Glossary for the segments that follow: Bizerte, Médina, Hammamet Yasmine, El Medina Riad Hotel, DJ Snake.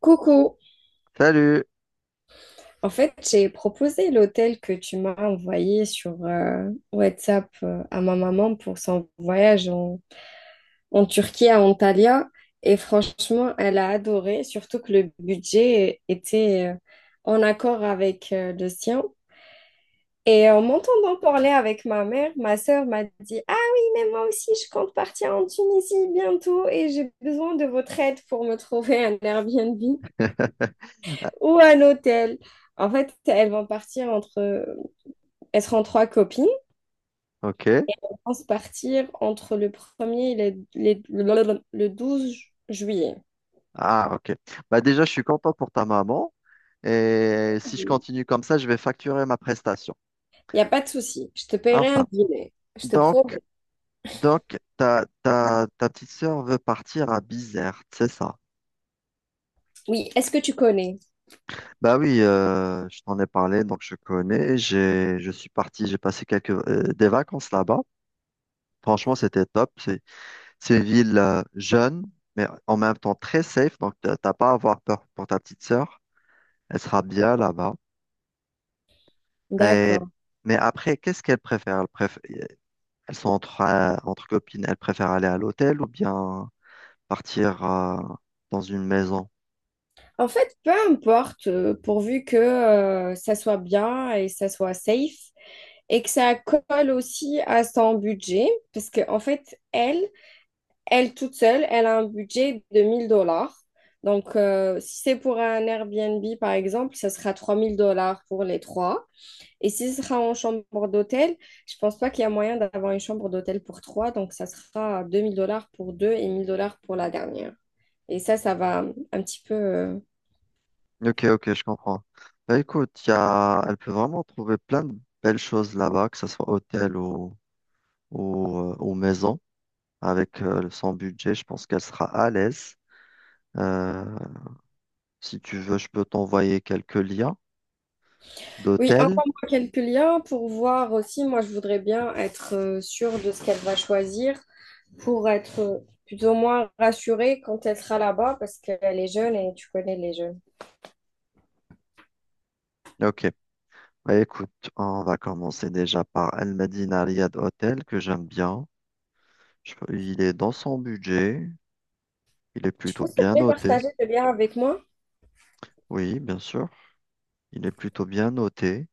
Coucou. Salut. En fait, j'ai proposé l'hôtel que tu m'as envoyé sur WhatsApp à ma maman pour son voyage en Turquie à Antalya. Et franchement, elle a adoré, surtout que le budget était en accord avec le sien. Et en m'entendant parler avec ma mère, ma sœur m'a dit : « Ah oui, mais moi aussi, je compte partir en Tunisie bientôt et j'ai besoin de votre aide pour me trouver un Airbnb ou un hôtel. » En fait, elles vont partir entre. Elles seront trois copines. Ok. Elles vont se partir entre le premier et le 12 juillet. Ah, ok. Bah déjà, je suis content pour ta maman. Et si je Il continue comme ça, je vais facturer ma prestation. n'y a pas de souci. Je te paierai un Enfin, dîner. Je te donc, promets. donc ta petite sœur veut partir à Bizerte, c'est ça? Oui, est-ce que tu connais? Bah oui, je t'en ai parlé, donc je connais. Je suis parti, j'ai passé quelques des vacances là-bas. Franchement, c'était top. C'est une ville jeune, mais en même temps très safe. Donc, t'as pas à avoir peur pour ta petite sœur. Elle sera bien là-bas. Et- D'accord. mais après, qu'est-ce qu'elles préfèrent? Elles sont entre, entre copines, elles préfèrent aller à l'hôtel ou bien partir dans une maison? En fait, peu importe, pourvu que ça soit bien et ça soit safe et que ça colle aussi à son budget, parce qu'en fait, elle, elle toute seule, elle a un budget de 1 000 dollars. Donc, si c'est pour un Airbnb, par exemple, ça sera 3 000 dollars pour les trois. Et si ce sera en chambre d'hôtel, je pense pas qu'il y a moyen d'avoir une chambre d'hôtel pour trois. Donc, ça sera 2 000 dollars pour deux et 1 000 dollars pour la dernière. Et ça va un petit peu... Ok, ok, je comprends. Bah, écoute, y a... elle peut vraiment trouver plein de belles choses là-bas, que ce soit hôtel ou maison. Avec son budget, je pense qu'elle sera à l'aise. Euh, Si tu veux, je peux t'envoyer quelques liens Oui, d'hôtels. envoie-moi quelques liens pour voir aussi. Moi, je voudrais bien être sûre de ce qu'elle va choisir, pour être plus ou moins rassurée quand elle sera là-bas parce qu'elle est jeune et tu connais les jeunes. Ok, bah, écoute, on va commencer déjà par El Medina Riad Hotel, que j'aime bien. Il est dans son budget. Il est Tu plutôt peux s'il te bien plaît noté. partager le lien avec moi? Oui, bien sûr. Il est plutôt bien noté.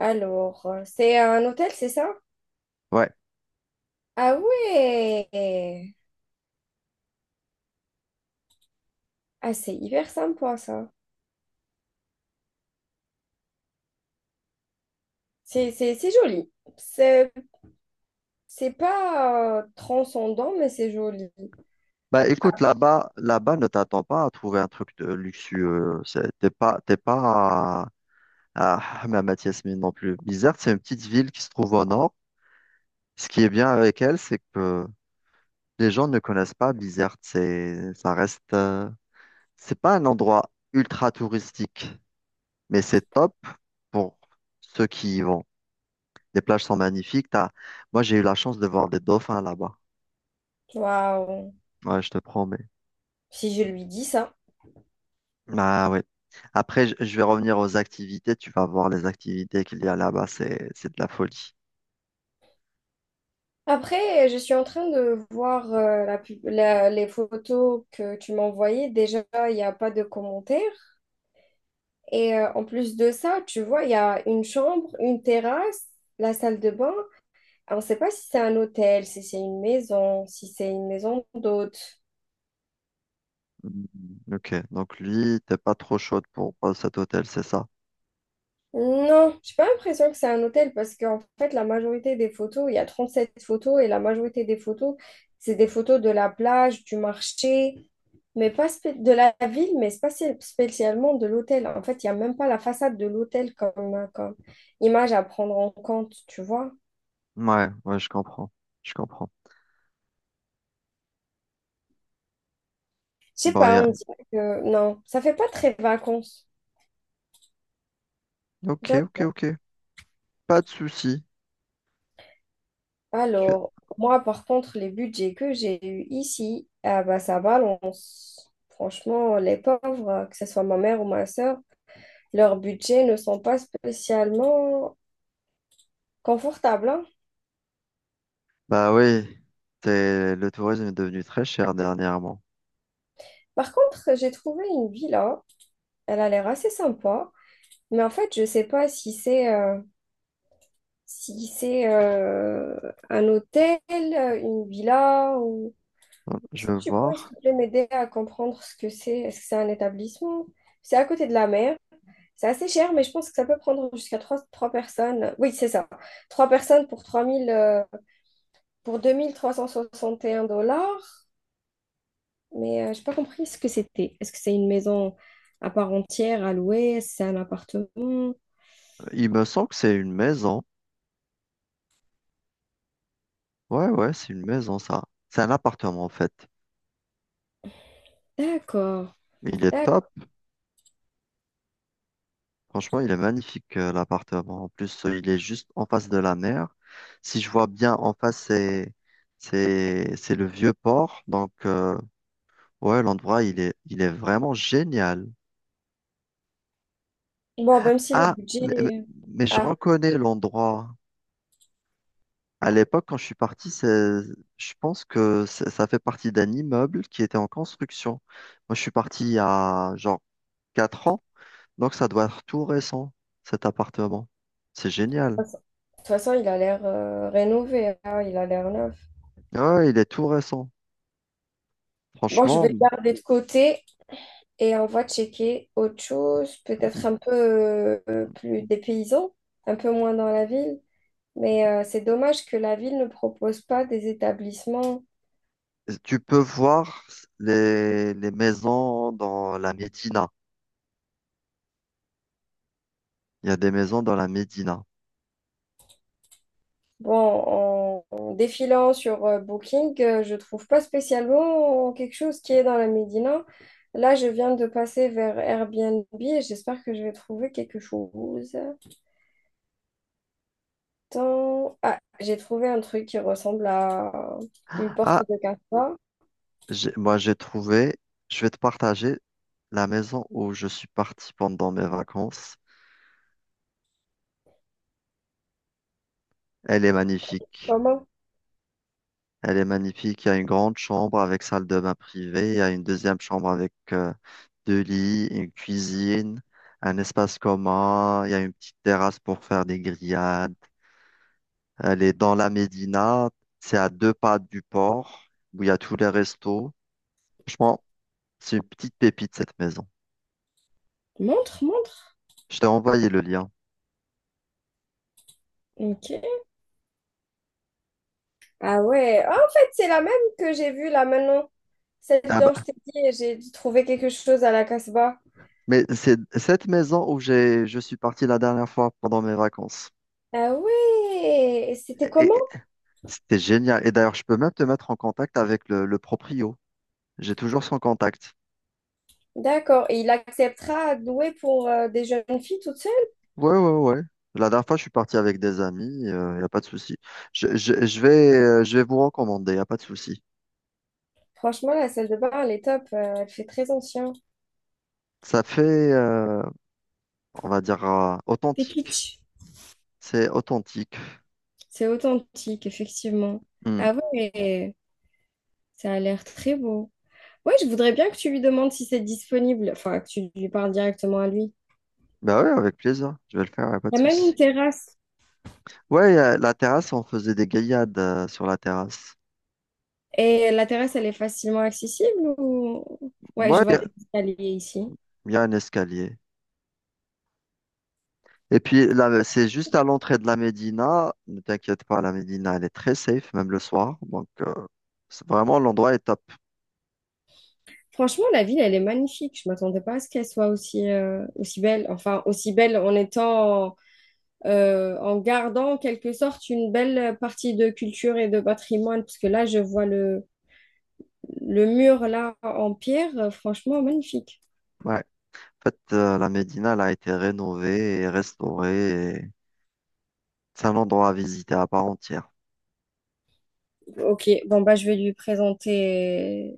Alors, c'est un hôtel, c'est ça? Ouais. Ah ouais! Ah, c'est hyper sympa ça. C'est joli. C'est c'est pas transcendant, mais c'est joli. Bah écoute, là-bas, ne t'attends pas à trouver un truc de luxueux. T'es pas à, à Hammamet Yasmine non plus. Bizerte, c'est une petite ville qui se trouve au nord. Ce qui est bien avec elle, c'est que les gens ne connaissent pas Bizerte. Ça reste, c'est pas un endroit ultra touristique, mais c'est top pour ceux qui y vont. Les plages sont magnifiques. T'as... Moi, j'ai eu la chance de voir des dauphins là-bas. Waouh! Ouais, je te promets. Si je lui dis ça. Bah ouais. Après, je vais revenir aux activités. Tu vas voir les activités qu'il y a là-bas. C'est de la folie. Après, je suis en train de voir les photos que tu m'as envoyées. Déjà, il n'y a pas de commentaires. Et en plus de ça, tu vois, il y a une chambre, une terrasse, la salle de bain. On ne sait pas si c'est un hôtel, si c'est une maison, si c'est une maison d'hôte. Mm, ok. Donc lui, t'es pas trop chaude pour cet hôtel, c'est ça? Non, j'ai pas l'impression que c'est un hôtel parce qu'en fait, la majorité des photos, il y a 37 photos et la majorité des photos, c'est des photos de la plage, du marché, mais pas spé- de la ville, mais c'est pas spé- spécialement de l'hôtel. En fait, il n'y a même pas la façade de l'hôtel comme image à prendre en compte, tu vois. Ouais, ouais, je comprends. Je comprends. Je sais Bon, y pas, on a- dirait que non, ça fait pas très vacances. Ok, Tiens. ok, ok. Pas de souci. Tu... Alors, moi, par contre, les budgets que j'ai eus ici, ah bah, ça balance. Franchement, les pauvres, hein, que ce soit ma mère ou ma sœur, leurs budgets ne sont pas spécialement confortables, hein. Bah oui. C'est... Le tourisme est devenu très cher dernièrement. Par contre, j'ai trouvé une villa, elle a l'air assez sympa, mais en fait, je sais pas si c'est si c'est un hôtel, une villa ou. Je vais Tu peux, s'il voir. te plaît, m'aider à comprendre ce que c'est? Est-ce que c'est un établissement? C'est à côté de la mer. C'est assez cher, mais je pense que ça peut prendre jusqu'à trois personnes. Oui, c'est ça. Trois personnes pour 3000, pour 2 361 dollars. Mais je j'ai pas compris ce que c'était. Est-ce que c'est une maison à part entière à louer? Est-ce que c'est un appartement? Il me semble que c'est une maison. Ouais, ouais, c'est une maison, ça. C'est un appartement, en fait. D'accord, Il est top. d'accord. Franchement, il est magnifique, l'appartement. En plus, il est juste en face de la mer. Si je vois bien, en face, c'est le vieux port. Donc, ouais, l'endroit, il est vraiment génial. Bon, même si le Ah, mais, mais- budget... mais je Ah, reconnais l'endroit. À l'époque, quand je suis parti, je pense que ça fait partie d'un immeuble qui était en construction. Moi, je suis parti il y a genre 4 ans. Donc ça doit être tout récent, cet appartement. C'est génial. de toute façon, de toute façon, il a l'air rénové, hein, il a l'air neuf. Ah ouais, il est tout récent. Bon, je vais Franchement, le garder de côté. Et on va checker autre chose, peut-être un peu plus des paysans, un peu moins dans la ville. Mais c'est dommage que la ville ne propose pas des établissements. tu peux voir les maisons dans la Médina. Il y a des maisons dans la Médina. Bon, en défilant sur Booking, je trouve pas spécialement quelque chose qui est dans la Médina. Là, je viens de passer vers Airbnb et j'espère que je vais trouver quelque chose. Attends. Ah, j'ai trouvé un truc qui ressemble à une porte Ah, de casse. Moi j'ai trouvé, je vais te partager la maison où je suis parti pendant mes vacances. Elle est magnifique. Comment? Elle est magnifique. Il y a une grande chambre avec salle de bain privée. Il y a une deuxième chambre avec deux lits, une cuisine, un espace commun, il y a une petite terrasse pour faire des grillades. Elle est dans la Médina, c'est à deux pas du port, où il y a tous les restos. Franchement, c'est une petite pépite cette maison. Montre, montre. Je t'ai envoyé le lien. Ok. Ah ouais, ah, en fait, c'est la même que j'ai vue là maintenant. Celle Ah dont bah, je t'ai dit, j'ai trouvé quelque chose à la Casbah. mais c'est cette maison où je suis parti la dernière fois pendant mes vacances. Ah ouais, et c'était Et, comment? et- C'était génial. Et d'ailleurs, je peux même te mettre en contact avec le proprio. J'ai toujours son contact. D'accord, et il acceptera de louer pour des jeunes filles toutes seules? Ouais, ouais, ouais. La dernière fois, je suis parti avec des amis, il n'y a pas de souci. Je vais vous recommander, il n'y a pas de souci. Franchement, la salle de bain, elle est top. Elle fait très ancien. Ça fait, euh, on va dire, C'est authentique. kitsch. C'est authentique. C'est authentique, effectivement. Hmm. Ah ouais, ça a l'air très beau. Ouais, je voudrais bien que tu lui demandes si c'est disponible, enfin, que tu lui parles directement à lui. Bah ouais, avec plaisir, je vais le faire, il n'y a pas Il de y a même souci. une terrasse. Ouais, la terrasse, on faisait des gaillades sur la terrasse. Et la terrasse, elle est facilement accessible ou... Ouais, Ouais, je il vois y, a des escaliers ici. y a un escalier. Et puis là, c'est juste à l'entrée de la Médina. Ne t'inquiète pas, la Médina, elle est très safe, même le soir. Donc, c'est vraiment, l'endroit est top. Franchement, la ville, elle est magnifique. Je m'attendais pas à ce qu'elle soit aussi, aussi belle. Enfin, aussi belle en étant, en gardant en quelque sorte une belle partie de culture et de patrimoine. Parce que là, je vois le mur là en pierre. Franchement, magnifique. Ouais. En fait, la Médina, elle a été rénovée et restaurée. Et c'est un endroit à visiter à part entière. Ok, bon, bah, je vais lui présenter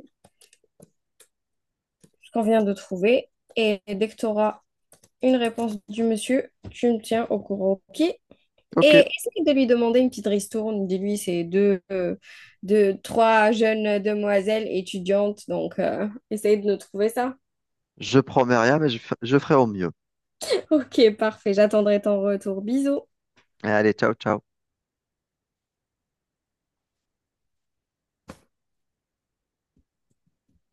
ce qu'on vient de trouver. Et dès que tu auras une réponse du monsieur, tu me tiens au courant. Ok? Et Ok, essaye de lui demander une petite ristourne. Dis-lui, c'est trois jeunes demoiselles étudiantes. Donc, essaye de nous trouver ça. je promets rien, mais je ferai au mieux. Ok, parfait. J'attendrai ton retour. Bisous. Et allez, ciao, ciao.